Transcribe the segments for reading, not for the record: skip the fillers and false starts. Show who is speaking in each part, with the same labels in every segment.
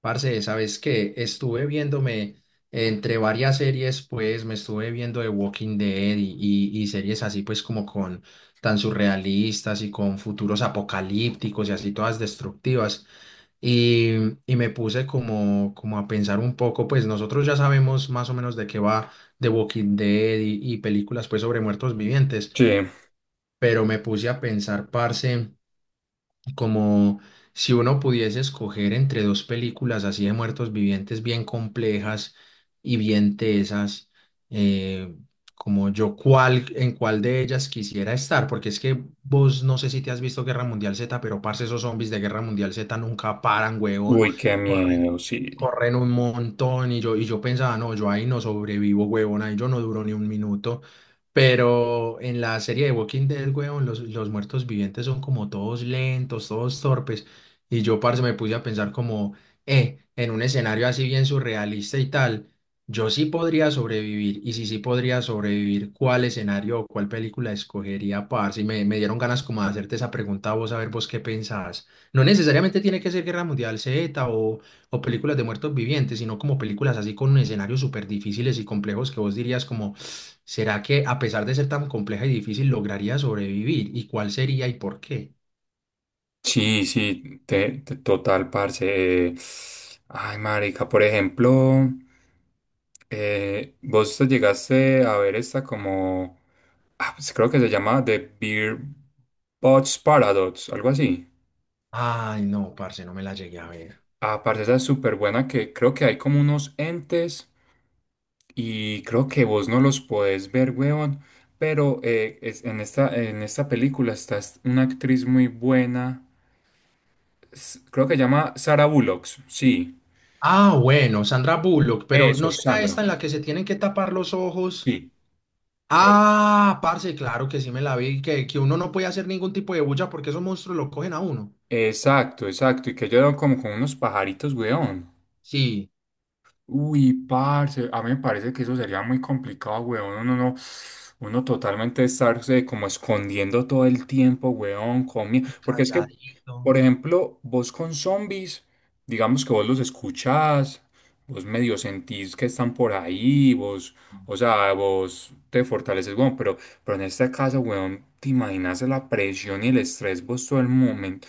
Speaker 1: Parce, ¿sabes qué? Estuve viéndome entre varias series, pues me estuve viendo The Walking Dead y series así, pues como con tan surrealistas y con futuros apocalípticos y así todas destructivas. Y, y me puse como, como a pensar un poco, pues nosotros ya sabemos más o menos de qué va The Walking Dead y películas pues sobre muertos vivientes,
Speaker 2: Sí,
Speaker 1: pero me puse a pensar, parce, como si uno pudiese escoger entre dos películas así de muertos vivientes bien complejas y bien tesas, eh, como yo cuál, en cuál de ellas quisiera estar, porque es que vos no sé si te has visto Guerra Mundial Z, pero parce, esos zombies de Guerra Mundial Z nunca paran, huevón,
Speaker 2: uy, qué miedo, sí.
Speaker 1: corren un montón y yo pensaba, no, yo ahí no sobrevivo, huevón, ahí yo no duro ni un minuto. Pero en la serie de Walking Dead, huevón, los muertos vivientes son como todos lentos, todos torpes. Y yo, parce, me puse a pensar como, en un escenario así bien surrealista y tal, yo sí podría sobrevivir. Y si sí podría sobrevivir, ¿cuál escenario o cuál película escogería, parce? Y me dieron ganas como de hacerte esa pregunta a vos, a ver vos qué pensás. No necesariamente tiene que ser Guerra Mundial Z o películas de muertos vivientes, sino como películas así con escenarios súper difíciles y complejos que vos dirías como, ¿será que a pesar de ser tan compleja y difícil lograría sobrevivir? ¿Y cuál sería y por qué?
Speaker 2: Sí, sí, total, parce. Ay, marica, por ejemplo, vos te llegaste a ver esta como, ah, pues creo que se llama The Beer Bots Paradox, algo así.
Speaker 1: Ay, no, parce, no me la llegué a ver.
Speaker 2: Ah, parce, esa es súper buena, que creo que hay como unos entes y creo que vos no los podés ver, weón. Pero en esta película está una actriz muy buena. Creo que se llama Sara Bullock, sí.
Speaker 1: Ah, bueno, Sandra Bullock, pero ¿no
Speaker 2: Eso,
Speaker 1: será
Speaker 2: Sandra.
Speaker 1: esta en la que se tienen que tapar los ojos?
Speaker 2: Sí. Eh,
Speaker 1: Ah, parce, claro que sí me la vi, que uno no puede hacer ningún tipo de bulla porque esos monstruos lo cogen a uno.
Speaker 2: Exacto, exacto. Y que yo como con unos pajaritos, weón.
Speaker 1: Sí,
Speaker 2: Uy, parce, a mí me parece que eso sería muy complicado, weón. Uno no, uno totalmente estarse como escondiendo todo el tiempo, weón,
Speaker 1: y
Speaker 2: porque es que,
Speaker 1: calladito.
Speaker 2: por ejemplo, vos con zombies, digamos que vos los escuchás, vos medio sentís que están por ahí, o sea, vos te fortaleces, weón, pero en este caso, weón, te imaginas la presión y el estrés vos todo el momento.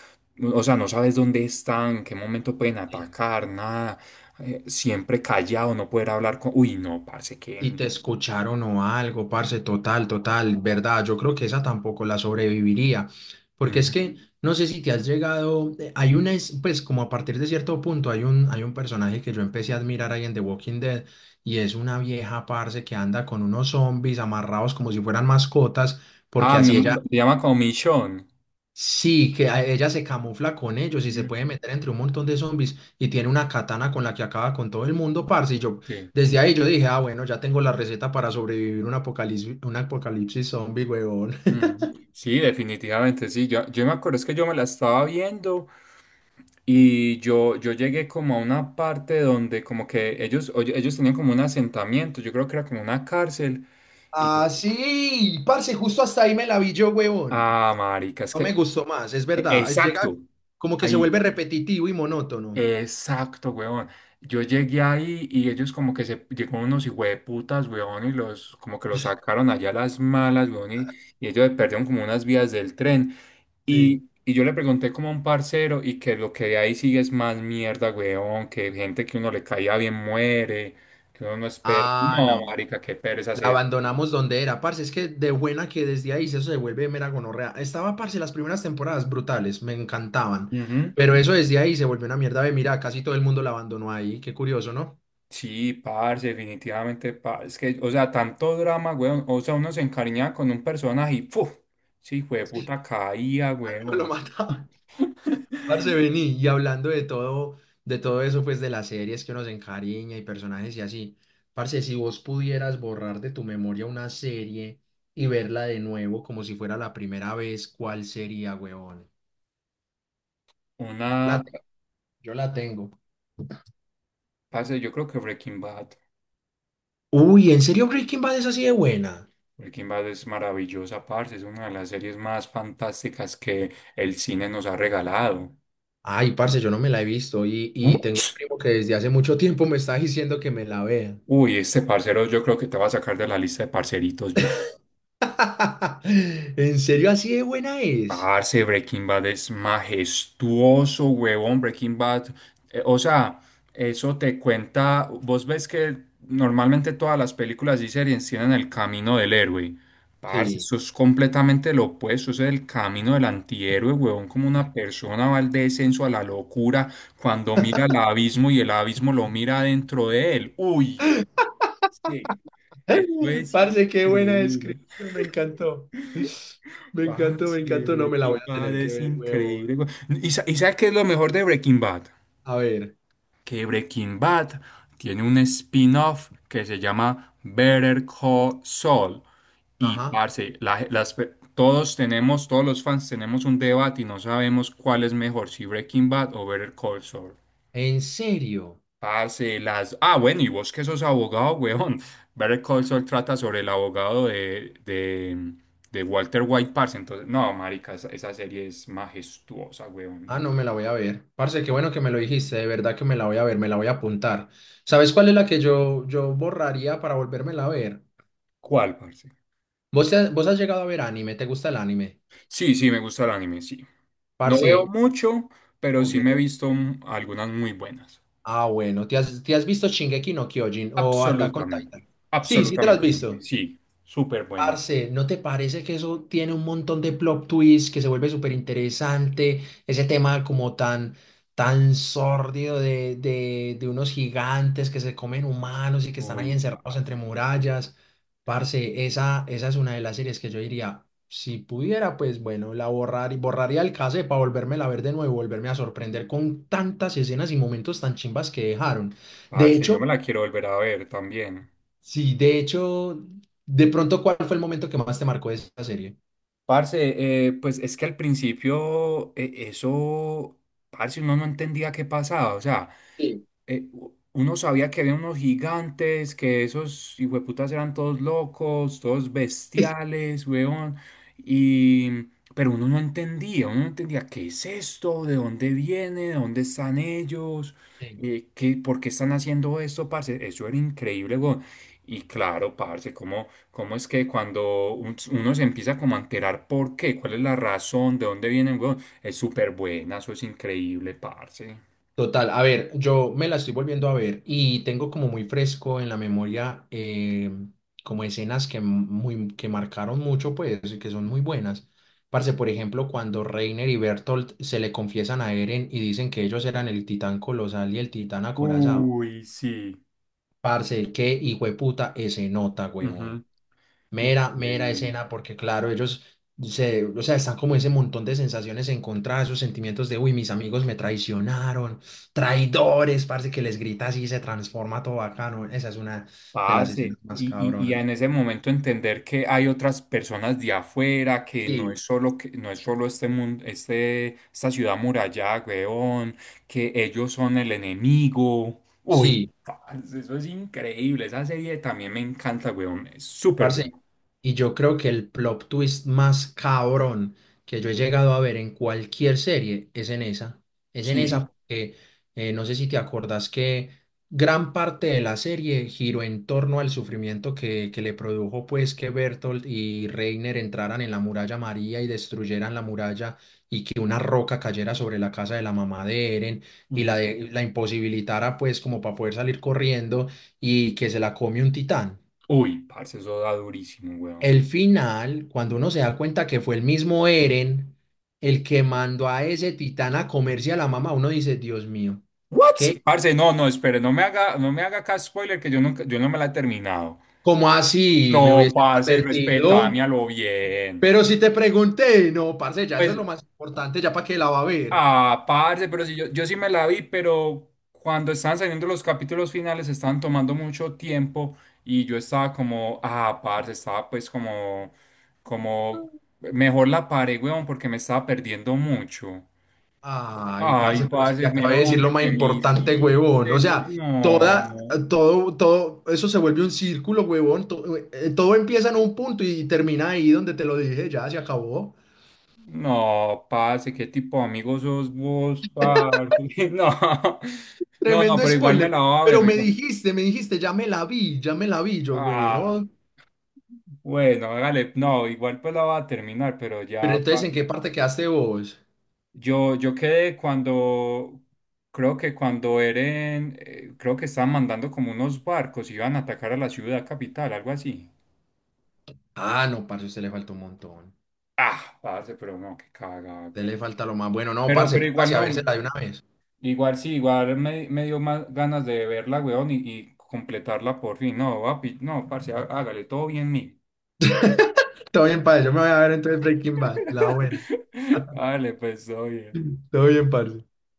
Speaker 2: O sea, no sabes dónde están, en qué momento pueden
Speaker 1: Sí.
Speaker 2: atacar, nada. Siempre callado, no poder hablar con... Uy, no, parce, qué
Speaker 1: Y te
Speaker 2: miedo.
Speaker 1: escucharon o algo, parce, total, total, verdad. Yo creo que esa tampoco la sobreviviría, porque es
Speaker 2: Ujú.
Speaker 1: que no sé si te has llegado, hay una, pues como a partir de cierto punto hay un personaje que yo empecé a admirar ahí en The Walking Dead y es una vieja, parce, que anda con unos zombies amarrados como si fueran mascotas, porque
Speaker 2: Ah,
Speaker 1: así
Speaker 2: mi...
Speaker 1: ella.
Speaker 2: se llama como...
Speaker 1: Sí, ella se camufla con ellos y se
Speaker 2: Ujú.
Speaker 1: puede meter entre un montón de zombies y tiene una katana con la que acaba con todo el mundo, parce. Y yo,
Speaker 2: Sí.
Speaker 1: desde ahí yo dije, ah, bueno, ya tengo la receta para sobrevivir un apocalipsis zombie, huevón.
Speaker 2: Ujú. Sí, definitivamente, sí. Yo me acuerdo es que yo me la estaba viendo y yo llegué como a una parte donde como que ellos, oye, ellos tenían como un asentamiento. Yo creo que era como una cárcel. Y yo,
Speaker 1: Ah, sí, parce, justo hasta ahí me la vi yo, huevón.
Speaker 2: ah, marica, es
Speaker 1: No
Speaker 2: que...
Speaker 1: me gustó más, es verdad. Llega
Speaker 2: Exacto.
Speaker 1: como que se
Speaker 2: Ahí.
Speaker 1: vuelve repetitivo y monótono.
Speaker 2: Exacto, weón. Yo llegué ahí y ellos como que se llegó unos hijueputas, weón, y los como que los sacaron allá a las malas, weón, y ellos perdieron como unas vías del tren.
Speaker 1: Sí.
Speaker 2: Y yo le pregunté como a un parcero, y que lo que de ahí sigue es más mierda, weón, que gente que uno le caía bien muere, que uno no espera.
Speaker 1: Ah,
Speaker 2: No,
Speaker 1: no.
Speaker 2: marica, qué pereza
Speaker 1: La
Speaker 2: hacer.
Speaker 1: abandonamos donde era, parce. Es que de buena que desde ahí eso se vuelve mera gonorrea. Estaba, parce, las primeras temporadas brutales, me encantaban. Pero eso desde ahí se volvió una mierda de mira, casi todo el mundo la abandonó ahí. Qué curioso, ¿no?
Speaker 2: Sí, parce, definitivamente, parce. Es que, o sea, tanto drama, weón. O sea, uno se encariñaba con un personaje y ¡puf! Sí,
Speaker 1: Sí.
Speaker 2: puta caía,
Speaker 1: Al menos lo
Speaker 2: weón.
Speaker 1: mataban. Parce, vení. Y hablando de todo eso, pues de las series que uno se encariña y personajes y así. Parce, si vos pudieras borrar de tu memoria una serie y verla de nuevo como si fuera la primera vez, ¿cuál sería, huevón? Yo la,
Speaker 2: Una,
Speaker 1: te- yo la tengo.
Speaker 2: parce, yo creo que Breaking Bad.
Speaker 1: Uy, ¿en serio Breaking Bad es así de buena?
Speaker 2: Breaking Bad es maravillosa, parce. Es una de las series más fantásticas que el cine nos ha regalado.
Speaker 1: Ay, parce, yo no me la he visto y tengo un
Speaker 2: Ups.
Speaker 1: primo que desde hace mucho tiempo me está diciendo que me la vea.
Speaker 2: Uy, este parcero yo creo que te va a sacar de la lista de parceritos ya.
Speaker 1: ¿En serio así de buena es?
Speaker 2: Parce, Breaking Bad es majestuoso, huevón. Breaking Bad, o sea, eso te cuenta. Vos ves que normalmente todas las películas y series tienen el camino del héroe. Parce,
Speaker 1: Sí.
Speaker 2: eso es completamente lo opuesto. Eso es el camino del antihéroe, huevón. Como una persona va al descenso, a la locura, cuando mira al abismo y el abismo lo mira dentro de él. Uy, sí, eso es
Speaker 1: Parce, qué buena
Speaker 2: increíble.
Speaker 1: descripción, me encantó. Me encantó, me
Speaker 2: Parce,
Speaker 1: encantó, no me la voy
Speaker 2: Breaking
Speaker 1: a
Speaker 2: Bad
Speaker 1: tener que
Speaker 2: es
Speaker 1: ver,
Speaker 2: increíble,
Speaker 1: huevón.
Speaker 2: güey. ¿Y y sabes qué es lo mejor de Breaking Bad?
Speaker 1: A ver.
Speaker 2: Que Breaking Bad tiene un spin-off que se llama Better Call Saul. Y,
Speaker 1: Ajá.
Speaker 2: parce, la ge- las pe- todos tenemos, todos los fans tenemos un debate y no sabemos cuál es mejor, si Breaking Bad o Better Call Saul.
Speaker 1: ¿En serio?
Speaker 2: Parce, las... Ah, bueno, y vos que sos abogado, weón. Better Call Saul trata sobre el abogado de Walter White, parce. Entonces, no, marica, esa serie es majestuosa,
Speaker 1: Ah,
Speaker 2: weón.
Speaker 1: no me la voy a ver. Parce, qué bueno que me lo dijiste, de verdad que me la voy a ver, me la voy a apuntar. ¿Sabes cuál es la que yo borraría para volvérmela a ver?
Speaker 2: ¿Cuál, parce?
Speaker 1: ¿Vos, te has, vos has llegado a ver anime? ¿Te gusta el anime?
Speaker 2: Sí, sí, me gusta el anime, sí. No
Speaker 1: Parce,
Speaker 2: veo mucho, pero sí me he
Speaker 1: ok.
Speaker 2: visto algunas muy buenas.
Speaker 1: Ah, bueno, te has visto Shingeki no Kyojin o Attack on
Speaker 2: Absolutamente,
Speaker 1: Titan? Sí, sí te lo has
Speaker 2: absolutamente,
Speaker 1: visto.
Speaker 2: sí, súper buena.
Speaker 1: Parce, ¿no te parece que eso tiene un montón de plot twists que se vuelve súper interesante? Ese tema como tan, tan sórdido de unos gigantes que se comen humanos y que están ahí
Speaker 2: Uy,
Speaker 1: encerrados
Speaker 2: parce,
Speaker 1: entre murallas. Parce, esa es una de las series que yo diría, si pudiera, pues bueno, la borrar y borraría el cassette para volverme a ver de nuevo, volverme a sorprender con tantas escenas y momentos tan chimbas que dejaron. De
Speaker 2: parce, yo
Speaker 1: hecho,
Speaker 2: me la quiero volver a ver también.
Speaker 1: sí, de hecho, de pronto, ¿cuál fue el momento que más te marcó de esa serie?
Speaker 2: Parce, pues es que al principio parce, uno no entendía qué pasaba, o sea,
Speaker 1: Sí.
Speaker 2: uno sabía que había unos gigantes, que esos hijueputas eran todos locos, todos bestiales, weón. Y, pero uno no entendía qué es esto, de dónde viene, de dónde están ellos,
Speaker 1: Sí.
Speaker 2: por qué están haciendo esto, parce. Eso era increíble, weón. Y claro, parce, ¿ cómo es que cuando uno se empieza como a enterar por qué, cuál es la razón, de dónde vienen, weón? Es súper buena, eso es increíble, parce.
Speaker 1: Total, a ver, yo me la estoy volviendo a ver y tengo como muy fresco en la memoria como escenas que, muy, que marcaron mucho, pues, y que son muy buenas. Parce, por ejemplo, cuando Reiner y Bertolt se le confiesan a Eren y dicen que ellos eran el titán colosal y el titán acorazado.
Speaker 2: Uy, sí.
Speaker 1: Parce, qué hijueputa ese nota, huevón.
Speaker 2: Ujú.
Speaker 1: Mera, mera
Speaker 2: Increíble.
Speaker 1: escena, porque claro, ellos se, o sea, están como ese montón de sensaciones encontradas, esos sentimientos de, uy, mis amigos me traicionaron, traidores, parece que les grita así y se transforma todo bacano. Esa es una de las
Speaker 2: Parce,
Speaker 1: escenas más
Speaker 2: y
Speaker 1: cabronas.
Speaker 2: en ese momento entender que hay otras personas de afuera, que no es
Speaker 1: Sí.
Speaker 2: solo que, no es solo este mundo, esta ciudad muralla, weón, que ellos son el enemigo. Uy,
Speaker 1: Sí.
Speaker 2: parce, eso es increíble. Esa serie también me encanta, weón. Es súper
Speaker 1: Parce,
Speaker 2: bueno.
Speaker 1: y yo creo que el plot twist más cabrón que yo he llegado a ver en cualquier serie es en esa. Es en esa
Speaker 2: Sí.
Speaker 1: porque no sé si te acordás que gran parte de la serie giró en torno al sufrimiento que le produjo pues que Bertolt y Reiner entraran en la muralla María y destruyeran la muralla y que una roca cayera sobre la casa de la mamá de Eren y la,
Speaker 2: Ujú.
Speaker 1: la imposibilitara pues como para poder salir corriendo y que se la come un titán.
Speaker 2: Uy, parce, eso da durísimo, weón.
Speaker 1: El final, cuando uno se da cuenta que fue el mismo Eren el que mandó a ese titán a comerse a la mamá, uno dice, Dios mío,
Speaker 2: What?
Speaker 1: ¿qué?
Speaker 2: Parce, no, no, espere, no me haga acá spoiler, que yo nunca, yo no me la he terminado.
Speaker 1: ¿Cómo así? Me
Speaker 2: No,
Speaker 1: hubieses
Speaker 2: parce,
Speaker 1: advertido.
Speaker 2: respetame a lo bien.
Speaker 1: Pero si te pregunté, no, parce, ya eso
Speaker 2: Pues,
Speaker 1: es lo más importante, ya para qué la va a ver.
Speaker 2: ah, parce, pero si yo, yo sí me la vi, pero cuando estaban saliendo los capítulos finales estaban tomando mucho tiempo y yo estaba como, ah, parce, estaba pues como, como, mejor la paré, weón, porque me estaba perdiendo mucho.
Speaker 1: Ay,
Speaker 2: Ay,
Speaker 1: parce, pero si te
Speaker 2: parce,
Speaker 1: acabé
Speaker 2: mero
Speaker 1: de decir
Speaker 2: daño
Speaker 1: lo más
Speaker 2: que me
Speaker 1: importante, huevón.
Speaker 2: hiciste,
Speaker 1: O sea,
Speaker 2: weón.
Speaker 1: toda,
Speaker 2: No.
Speaker 1: todo, todo, eso se vuelve un círculo, huevón. Todo, empieza en un punto y termina ahí donde te lo dije, ya se acabó.
Speaker 2: No, parce, qué tipo de amigo sos vos, parce. No, no,
Speaker 1: Tremendo
Speaker 2: pero igual me la
Speaker 1: spoiler.
Speaker 2: va a
Speaker 1: Pero
Speaker 2: ver, oiga.
Speaker 1: me dijiste, ya me la vi, ya me la vi. Yo,
Speaker 2: Ah,
Speaker 1: bueno,
Speaker 2: bueno, hágale. No, igual pues la va a terminar, pero
Speaker 1: pero
Speaker 2: ya,
Speaker 1: entonces, ¿en qué
Speaker 2: parce.
Speaker 1: parte quedaste vos?
Speaker 2: Yo quedé cuando, creo que cuando Eren, creo que estaban mandando como unos barcos, iban a atacar a la ciudad capital, algo así.
Speaker 1: Ah, no, parce, a usted le falta un montón. A
Speaker 2: Ah, parce, pero no, qué caga,
Speaker 1: usted
Speaker 2: güey.
Speaker 1: le falta lo más bueno. No, parce,
Speaker 2: Pero igual
Speaker 1: póngase a
Speaker 2: no.
Speaker 1: vérsela de una vez.
Speaker 2: Igual sí, me dio más ganas de verla, weón, y completarla por fin. No, papi, no, parce, hágale, todo bien mí.
Speaker 1: Todo bien, padre. Yo me voy a ver entonces Breaking Bad, la buena.
Speaker 2: Hágale pues, oye.
Speaker 1: Todo bien, parce.